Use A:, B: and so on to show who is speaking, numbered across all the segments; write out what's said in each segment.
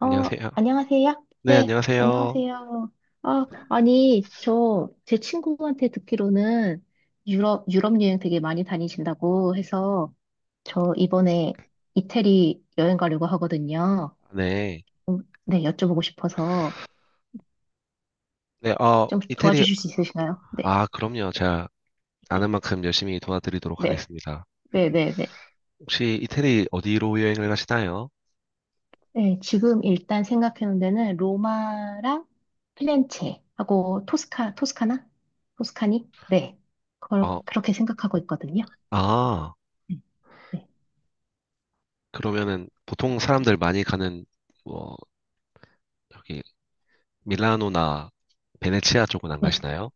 A: 안녕하세요.
B: 안녕하세요.
A: 네,
B: 네,
A: 안녕하세요.
B: 안녕하세요. 아, 아니, 저, 제 친구한테 듣기로는 유럽 여행 되게 많이 다니신다고 해서 저 이번에 이태리 여행 가려고 하거든요.
A: 네.
B: 네, 여쭤보고 싶어서
A: 네,
B: 좀
A: 이태리,
B: 도와주실 수 있으신가요? 네.
A: 아, 그럼요. 제가
B: 네,
A: 아는 만큼 열심히 도와드리도록
B: 네,
A: 하겠습니다.
B: 네, 네. 네,
A: 혹시 이태리 어디로 여행을 가시나요?
B: 네, 지금 일단 생각해 놓은 데는 로마랑 피렌체하고 토스카나? 토스카니? 네.
A: 어,
B: 그렇게 생각하고 있거든요.
A: 아,
B: 음, 네.
A: 그러면은 보통
B: 네,
A: 사람들 많이 가는, 뭐, 여기, 밀라노나 베네치아 쪽은 안
B: 네,
A: 가시나요?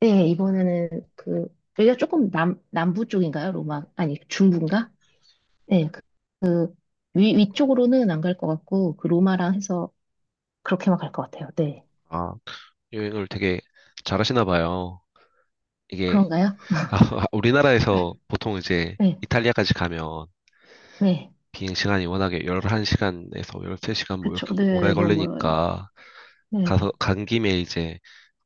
B: 네, 이번에는 그, 여기가 조금 남부 쪽인가요? 로마, 아니, 중부인가? 네, 그, 위쪽으로는 안 갈 것 같고, 그 로마랑 해서 그렇게만 갈 것 같아요. 네.
A: 아, 여행을 되게 잘하시나 봐요. 이게,
B: 그런가요?
A: 아, 우리나라에서 보통 이제
B: 네,
A: 이탈리아까지 가면
B: 네.
A: 비행 시간이 워낙에 11시간에서 13시간 뭐
B: 그쵸.
A: 이렇게 오래
B: 네, 너무 멀어요.
A: 걸리니까 가서
B: 네.
A: 간 김에 이제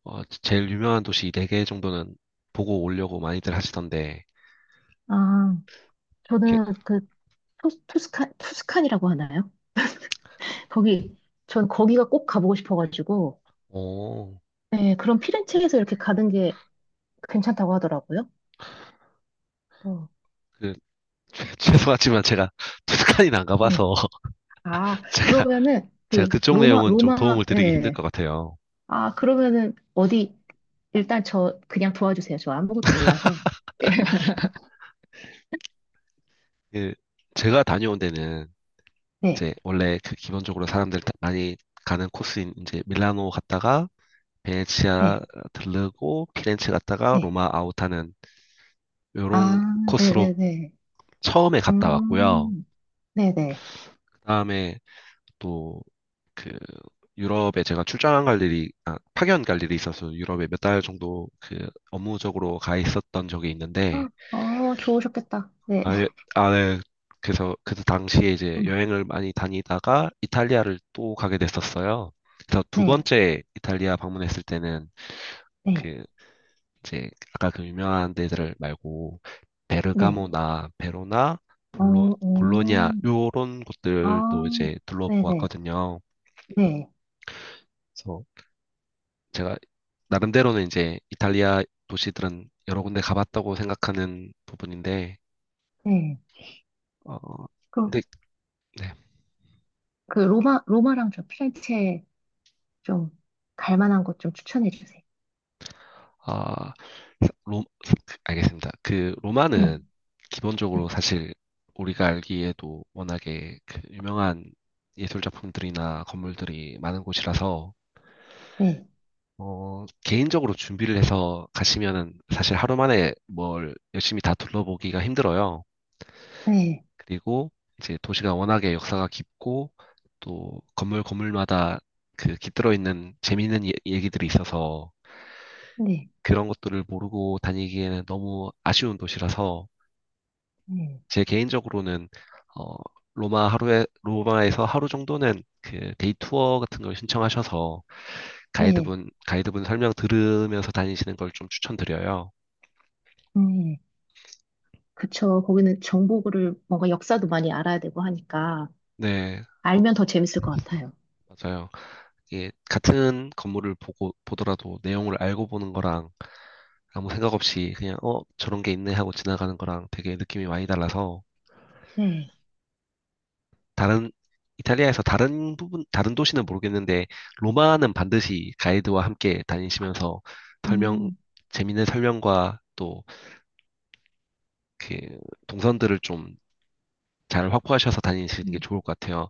A: 제일 유명한 도시 네 개 정도는 보고 오려고 많이들 하시던데
B: 아,
A: 이렇게
B: 저는 그, 투스칸이라고 하나요? 거기, 전 거기가 꼭 가보고 싶어가지고,
A: 어,
B: 네, 그런 피렌체에서 이렇게 가는 게 괜찮다고 하더라고요. 어,
A: 그 죄송하지만 제가 투스칸이나 안
B: 네.
A: 가봐서
B: 아,
A: 제가
B: 그러면은,
A: 제가
B: 그,
A: 그쪽
B: 로마,
A: 내용은 좀 도움을
B: 로마,
A: 드리기 힘들
B: 예.
A: 것 같아요.
B: 아, 그러면은, 일단 저, 그냥 도와주세요. 저 아무것도 몰라서.
A: 그 제가 다녀온 데는
B: 네,
A: 이제 원래 그 기본적으로 사람들 다 많이 가는 코스인 이제 밀라노 갔다가 베네치아
B: 네,
A: 들르고 피렌체 갔다가
B: 네.
A: 로마 아웃하는
B: 아,
A: 요런 코스로
B: 네네네.
A: 처음에 갔다 왔고요.
B: 음, 네네.
A: 그다음에 또 그 유럽에 제가 출장 갈 일이 아, 파견 갈 일이 있어서 유럽에 몇 달 정도 그 업무적으로 가 있었던 적이 있는데
B: 어, 좋으셨겠다. 네.
A: 아, 예, 아 네. 그래서 그 당시에 이제
B: 음,
A: 여행을 많이 다니다가 이탈리아를 또 가게 됐었어요. 그래서 두
B: 네,
A: 번째 이탈리아 방문했을 때는
B: 네,
A: 그 이제 아까 그 유명한 데들 말고
B: 네.
A: 베르가모나 베로나
B: 어,
A: 볼로냐
B: 어,
A: 요런 곳들도
B: 아,
A: 이제 둘러보고
B: 네네,
A: 왔거든요.
B: 네,
A: 그래서 제가 나름대로는 이제 이탈리아 도시들은 여러 군데 가봤다고 생각하는 부분인데
B: 네.
A: 어
B: 그,
A: 근데 네.
B: 그, 로마랑 저 피렌체 좀, 갈 만한 곳 좀 추천해 주세요.
A: 아 로, 그, 알겠습니다. 그
B: 네,
A: 로마는 기본적으로
B: 네,
A: 사실 우리가 알기에도 워낙에 그 유명한 예술 작품들이나 건물들이 많은 곳이라서
B: 네,
A: 개인적으로 준비를 해서 가시면은 사실 하루 만에 뭘 열심히 다 둘러보기가 힘들어요.
B: 네.
A: 그리고 이제 도시가 워낙에 역사가 깊고 또 건물 건물마다 그 깃들어 있는 재미있는 얘기들이 있어서
B: 네,
A: 그런 것들을 모르고 다니기에는 너무 아쉬운 도시라서
B: 네,
A: 제 개인적으로는 어, 로마에서 하루 정도는 그 데이 투어 같은 걸 신청하셔서
B: 네,
A: 가이드분 설명 들으면서 다니시는 걸 좀 추천드려요.
B: 네. 그쵸. 거기는 정보를 뭔가 역사도 많이 알아야 되고 하니까
A: 네,
B: 알면 더 재밌을 것 같아요.
A: 맞아요. 이게 같은 건물을 보고 보더라도 내용을 알고 보는 거랑 아무 생각 없이 그냥 저런 게 있네 하고 지나가는 거랑 되게 느낌이 많이 달라서
B: 네,
A: 다른 이탈리아에서 다른 부분 다른 도시는 모르겠는데 로마는 반드시 가이드와 함께 다니시면서 설명
B: 음,
A: 재밌는 설명과 또 그 동선들을 좀 잘 확보하셔서 다니시는 게
B: 네,
A: 좋을 것 같아요.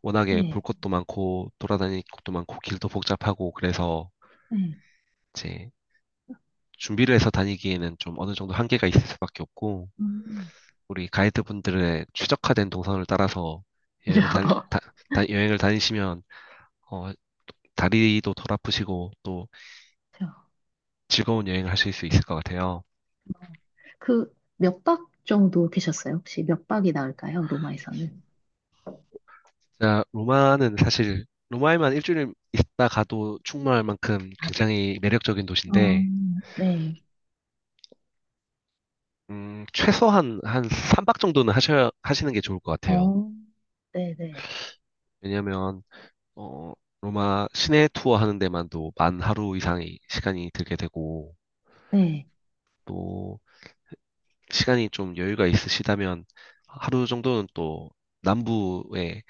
A: 워낙에 볼
B: 네,
A: 것도 많고 돌아다닐 곳도 많고 길도 복잡하고 그래서
B: 네,
A: 이제 준비를 해서 다니기에는 좀 어느 정도 한계가 있을 수밖에 없고
B: 음.
A: 우리 가이드분들의 최적화된 동선을 따라서
B: 그죠?
A: 여행을 다, 다- 다- 여행을 다니시면 어, 다리도 덜 아프시고 또
B: 그죠?
A: 즐거운 여행을 하실 수 있을 것 같아요.
B: 그 몇 박 정도 계셨어요? 혹시 몇 박이 나을까요? 로마에서는?
A: 자, 로마는 사실 로마에만 일주일 있다 가도 충분할 만큼
B: 아,
A: 굉장히 매력적인
B: 어,
A: 도시인데
B: 네,
A: 최소한 한 3박 정도는 하셔야 하시는 게 좋을 것 같아요.
B: 어, 네, 네,
A: 왜냐면 어, 로마 시내 투어 하는 데만도 만 하루 이상의 시간이 들게 되고,
B: 네,
A: 또 시간이 좀 여유가 있으시다면 하루 정도는 또 남부의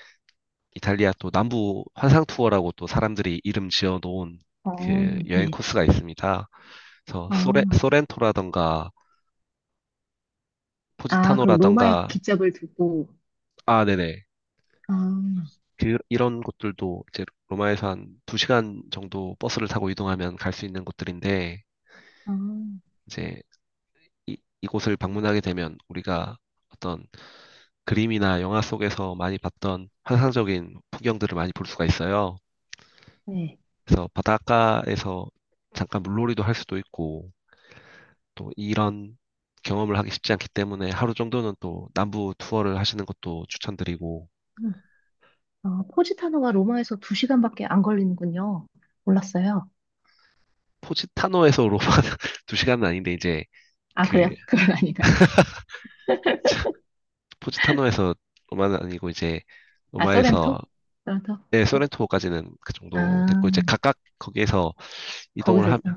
A: 이탈리아 또 남부 환상 투어라고 또 사람들이 이름 지어 놓은
B: 어,
A: 그 여행
B: 네,
A: 코스가 있습니다. 그래서
B: 아,
A: 소렌토라던가
B: 아, 그럼 로마의
A: 포지타노라던가
B: 기적을 듣고,
A: 아, 네네.
B: 아,
A: 그, 이런 곳들도 이제 로마에서 한 두시간 정도 버스를 타고 이동하면 갈 수 있는 곳들인데
B: 아,
A: 이제 이, 이곳을 방문하게 되면 우리가 어떤 그림이나 영화 속에서 많이 봤던 환상적인 풍경들을 많이 볼 수가 있어요.
B: 네.
A: 그래서 바닷가에서 잠깐 물놀이도 할 수도 있고 또 이런 경험을 하기 쉽지 않기 때문에 하루 정도는 또 남부 투어를 하시는 것도 추천드리고
B: 음. 어, 포지타노가 로마에서 두시간밖에안 걸리는군요. 몰랐어요.
A: 포지타노에서 로마 두 시간은 아닌데 이제
B: 아,
A: 그
B: 그래요? 그건 아닌가요?
A: 포지타노에서 로마는 아니고 이제
B: 아,
A: 로마에서
B: 소렌토? 소렌토?
A: 네,
B: 뭐?
A: 소렌토까지는 그 정도
B: 아,
A: 됐고 이제 각각 거기에서 이동을
B: 거기서
A: 하면
B: 있어.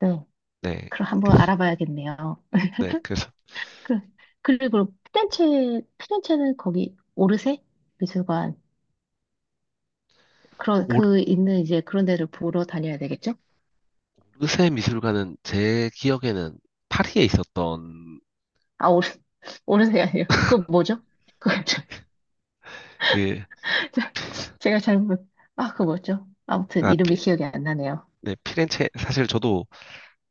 B: 네.
A: 네.
B: 그럼
A: 그
B: 한번 알아봐야겠네요.
A: 네, 그래서
B: 그, 그리고 피렌체는 거기 오르세 미술관.
A: 오르-
B: 그 있는 이제 그런 데를 보러 다녀야 되겠죠?
A: 오르세 미술관은 제 기억에는 파리에 있었던
B: 아, 오르세 아니에요. 그거 뭐죠? 그거,
A: 그,
B: 저- 제가 잘못, 아, 그거 뭐죠? 아무튼
A: 아,
B: 이름이
A: 피,
B: 기억이 안 나네요.
A: 네, 피렌체 사실 저도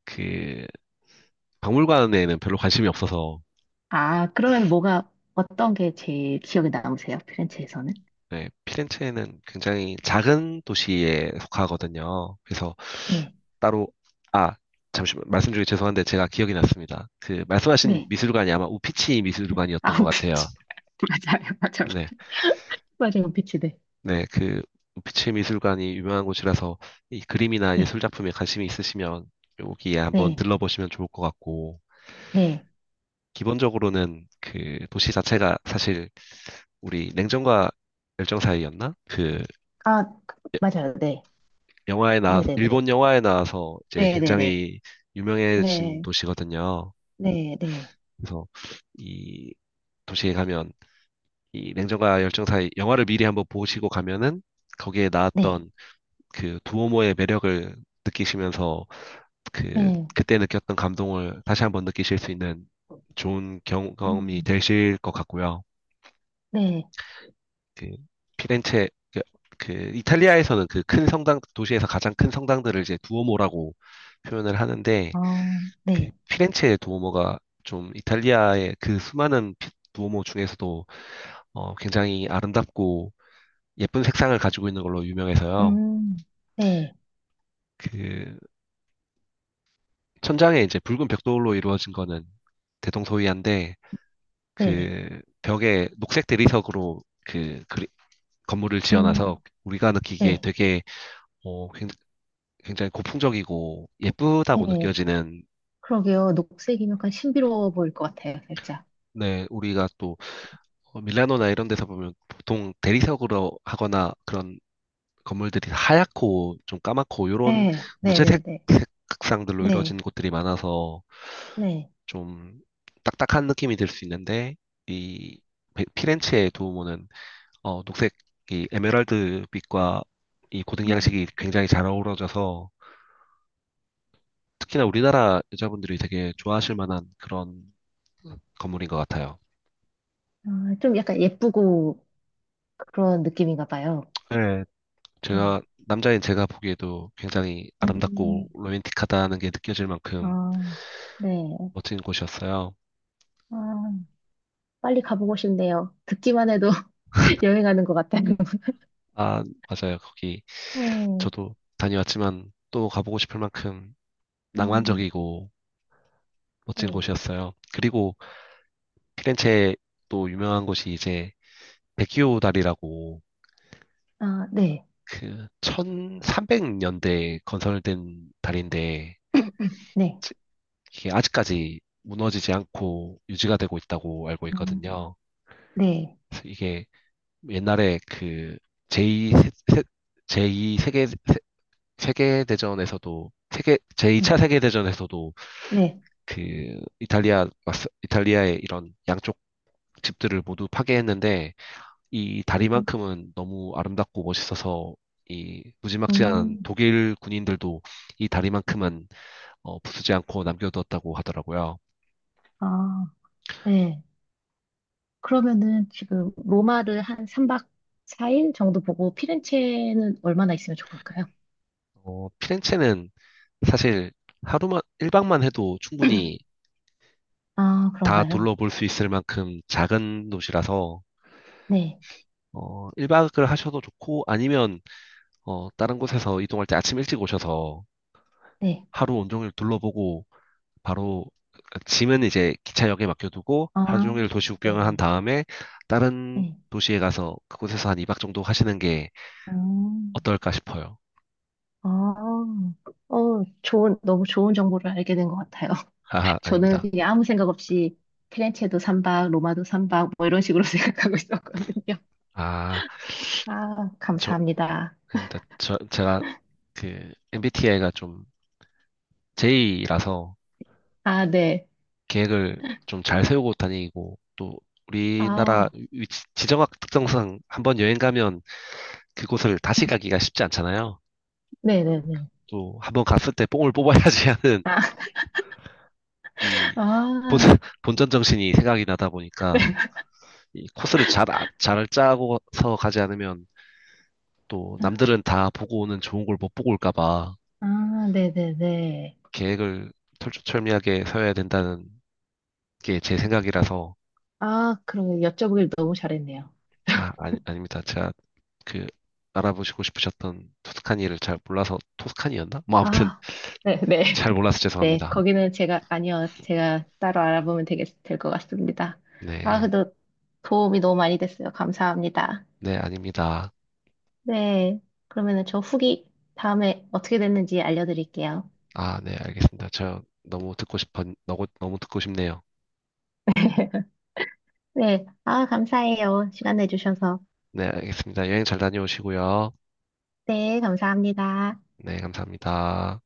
A: 그 박물관에는 별로 관심이 없어서
B: 아, 그러면 뭐가, 어떤 게 제일 기억에 남으세요? 피렌체에서는?
A: 네, 피렌체는 굉장히 작은 도시에 속하거든요. 그래서
B: 네,
A: 따로 아 잠시만 말씀 중에 죄송한데 제가 기억이 났습니다. 그 말씀하신
B: 네.
A: 미술관이 아마 우피치
B: 네.
A: 미술관이었던 것 같아요.
B: 아우비치. 맞아요, 맞아요.
A: 네,
B: 맞아요, 아우비치, 네.
A: 네, 그 빛의 미술관이 유명한 곳이라서 이 그림이나
B: 네,
A: 예술 작품에 관심이 있으시면 여기에 한번
B: 네,
A: 들러보시면 좋을 것 같고
B: 네.
A: 기본적으로는 그 도시 자체가 사실 우리 냉정과 열정 사이였나? 그
B: 아,
A: 여-
B: 맞아요, 네.
A: 영화에 나
B: 네네네.
A: 일본 영화에 나와서 이제
B: 네네네.
A: 굉장히 유명해진
B: 네,
A: 도시거든요.
B: 네, 네.
A: 그래서 이 도시에 가면 이 냉정과 열정 사이 영화를 미리 한번 보시고 가면은 거기에
B: 네,
A: 나왔던 그 두오모의 매력을 느끼시면서 그
B: 네.
A: 그때 느꼈던 감동을 다시 한번 느끼실 수 있는 좋은 경험이
B: 음,
A: 되실 것 같고요.
B: 네.
A: 그 피렌체 그, 그 이탈리아에서는 그 큰 성당 도시에서 가장 큰 성당들을 이제 두오모라고 표현을 하는데
B: 어, 네.
A: 그
B: 네. 아, 네.
A: 피렌체의 두오모가 좀 이탈리아의 그 수많은 두오모 중에서도 굉장히 아름답고 예쁜 색상을 가지고 있는 걸로 유명해서요.
B: 음, 네,
A: 그 천장에 이제 붉은 벽돌로 이루어진 거는 대동소이한데
B: 네.
A: 그 벽에 녹색 대리석으로 그 건물을
B: 음,
A: 지어놔서 우리가 느끼기에
B: 네,
A: 되게 어, 굉- 굉장히 고풍적이고 예쁘다고
B: 네.
A: 느껴지는
B: 그러게요. 녹색이면 약간 신비로워 보일 것 같아요, 살짝.
A: 네, 우리가 또 밀라노나 이런 데서 보면 보통 대리석으로 하거나 그런 건물들이 하얗고 좀 까맣고 이런
B: 네, 네네네.
A: 무채색
B: 네.
A: 색상들로
B: 네.
A: 이루어진
B: 네.
A: 곳들이 많아서
B: 네.
A: 좀 딱딱한 느낌이 들 수 있는데 이 피렌체의 도우모는 녹색 이 에메랄드 빛과 이 고등
B: 음.
A: 양식이 굉장히 잘 어우러져서 특히나 우리나라 여자분들이 되게 좋아하실 만한 그런 건물인 것 같아요.
B: 아, 좀 약간 예쁘고 그런 느낌인가 봐요.
A: 네,
B: 네.
A: 제가 남자인 제가 보기에도 굉장히 아름답고
B: 음,
A: 로맨틱하다는 게 느껴질 만큼
B: 아, 네.
A: 멋진 곳이었어요.
B: 아, 빨리 가보고 싶네요. 듣기만 해도 여행하는 것 같아요.
A: 아, 맞아요. 거기
B: 네,
A: 저도 다녀왔지만 또 가보고 싶을 만큼
B: 음,
A: 낭만적이고 멋진
B: 네.
A: 곳이었어요. 그리고 피렌체또 유명한 곳이 이제 베키오 다리라고
B: 아, 네.
A: 그 1300년대에 건설된 다리인데
B: 네.
A: 지- 이게 아직까지 무너지지 않고 유지가 되고 있다고 알고
B: 음,
A: 있거든요.
B: 네.
A: 그래서 이게 옛날에 그 제2 제이 세계 세- 세계대전에서도 세계
B: 네.
A: 제2차 세계대전에서도
B: 네.
A: 그 이탈리아의 이런 양쪽 집들을 모두 파괴했는데 이 다리만큼은 너무 아름답고 멋있어서 이 무지막지한
B: 음,
A: 독일 군인들도 이 다리만큼은 부수지 않고 남겨두었다고 하더라고요.
B: 아, 네. 그러면은 지금 로마를 한 3박 4일 정도 보고 피렌체는 얼마나 있으면 좋을까요?
A: 피렌체는 사실 1박만 해도 충분히
B: 아,
A: 다
B: 그런가요?
A: 둘러볼 수 있을 만큼 작은 도시라서,
B: 네.
A: 1박을 하셔도 좋고, 아니면, 다른 곳에서 이동할 때 아침 일찍 오셔서
B: 네.
A: 하루 온종일 둘러보고, 바로, 짐은 이제 기차역에 맡겨두고,
B: 아,
A: 하루 종일 도시 구경을 한
B: 네네.
A: 다음에, 다른
B: 네.
A: 도시에 가서 그곳에서 한 2박 정도 하시는 게
B: 음.
A: 어떨까 싶어요.
B: 아, 어, 좋은, 너무 좋은 정보를 알게 된 것 같아요.
A: 아,
B: 저는
A: 아닙니다.
B: 그냥 아무 생각 없이 피렌체도 삼박 로마도 삼박 뭐 이런 식으로 생각하고 있었거든요.
A: 아,
B: 아,
A: 저,
B: 감사합니다.
A: 아닙니다. 저, 제가 그 MBTI가 좀 J라서
B: 아, 네.
A: 계획을 좀 잘 세우고 다니고 또 우리나라
B: 아,
A: 지정학 특성상 한번 여행 가면 그곳을 다시 가기가 쉽지 않잖아요.
B: 네네네.
A: 또 한번 갔을 때 뽕을 뽑아야지 하는
B: 아,
A: 이 본,
B: 아,
A: 본전 정신이 생각이 나다 보니까
B: 네.
A: 이 코스를 잘 짜고서 가지 않으면 또 남들은 다 보고 오는 좋은 걸 못 보고 올까 봐
B: 아, 네네네.
A: 계획을 철두철미하게 세워야 된다는 게 제 생각이라서
B: 아, 그럼 여쭤보길 너무 잘했네요.
A: 아, 아니, 아닙니다. 제가 그 알아보시고 싶으셨던 토스카니를 잘 몰라서 토스카니였나? 뭐 아무튼
B: 아, 네네.
A: 잘 몰라서
B: 네,
A: 죄송합니다.
B: 거기는 제가, 아니요, 제가 따로 알아보면 될 것 같습니다. 아,
A: 네,
B: 그래도 도움이 너무 많이 됐어요. 감사합니다.
A: 네 아닙니다.
B: 네, 그러면은 저 후기 다음에 어떻게 됐는지 알려드릴게요.
A: 아, 네 알겠습니다. 저 너무 듣고 싶어 너무 너무 듣고 싶네요.
B: 네, 아, 감사해요. 시간 내주셔서.
A: 네 알겠습니다. 여행 잘 다녀오시고요.
B: 네, 감사합니다.
A: 네 감사합니다.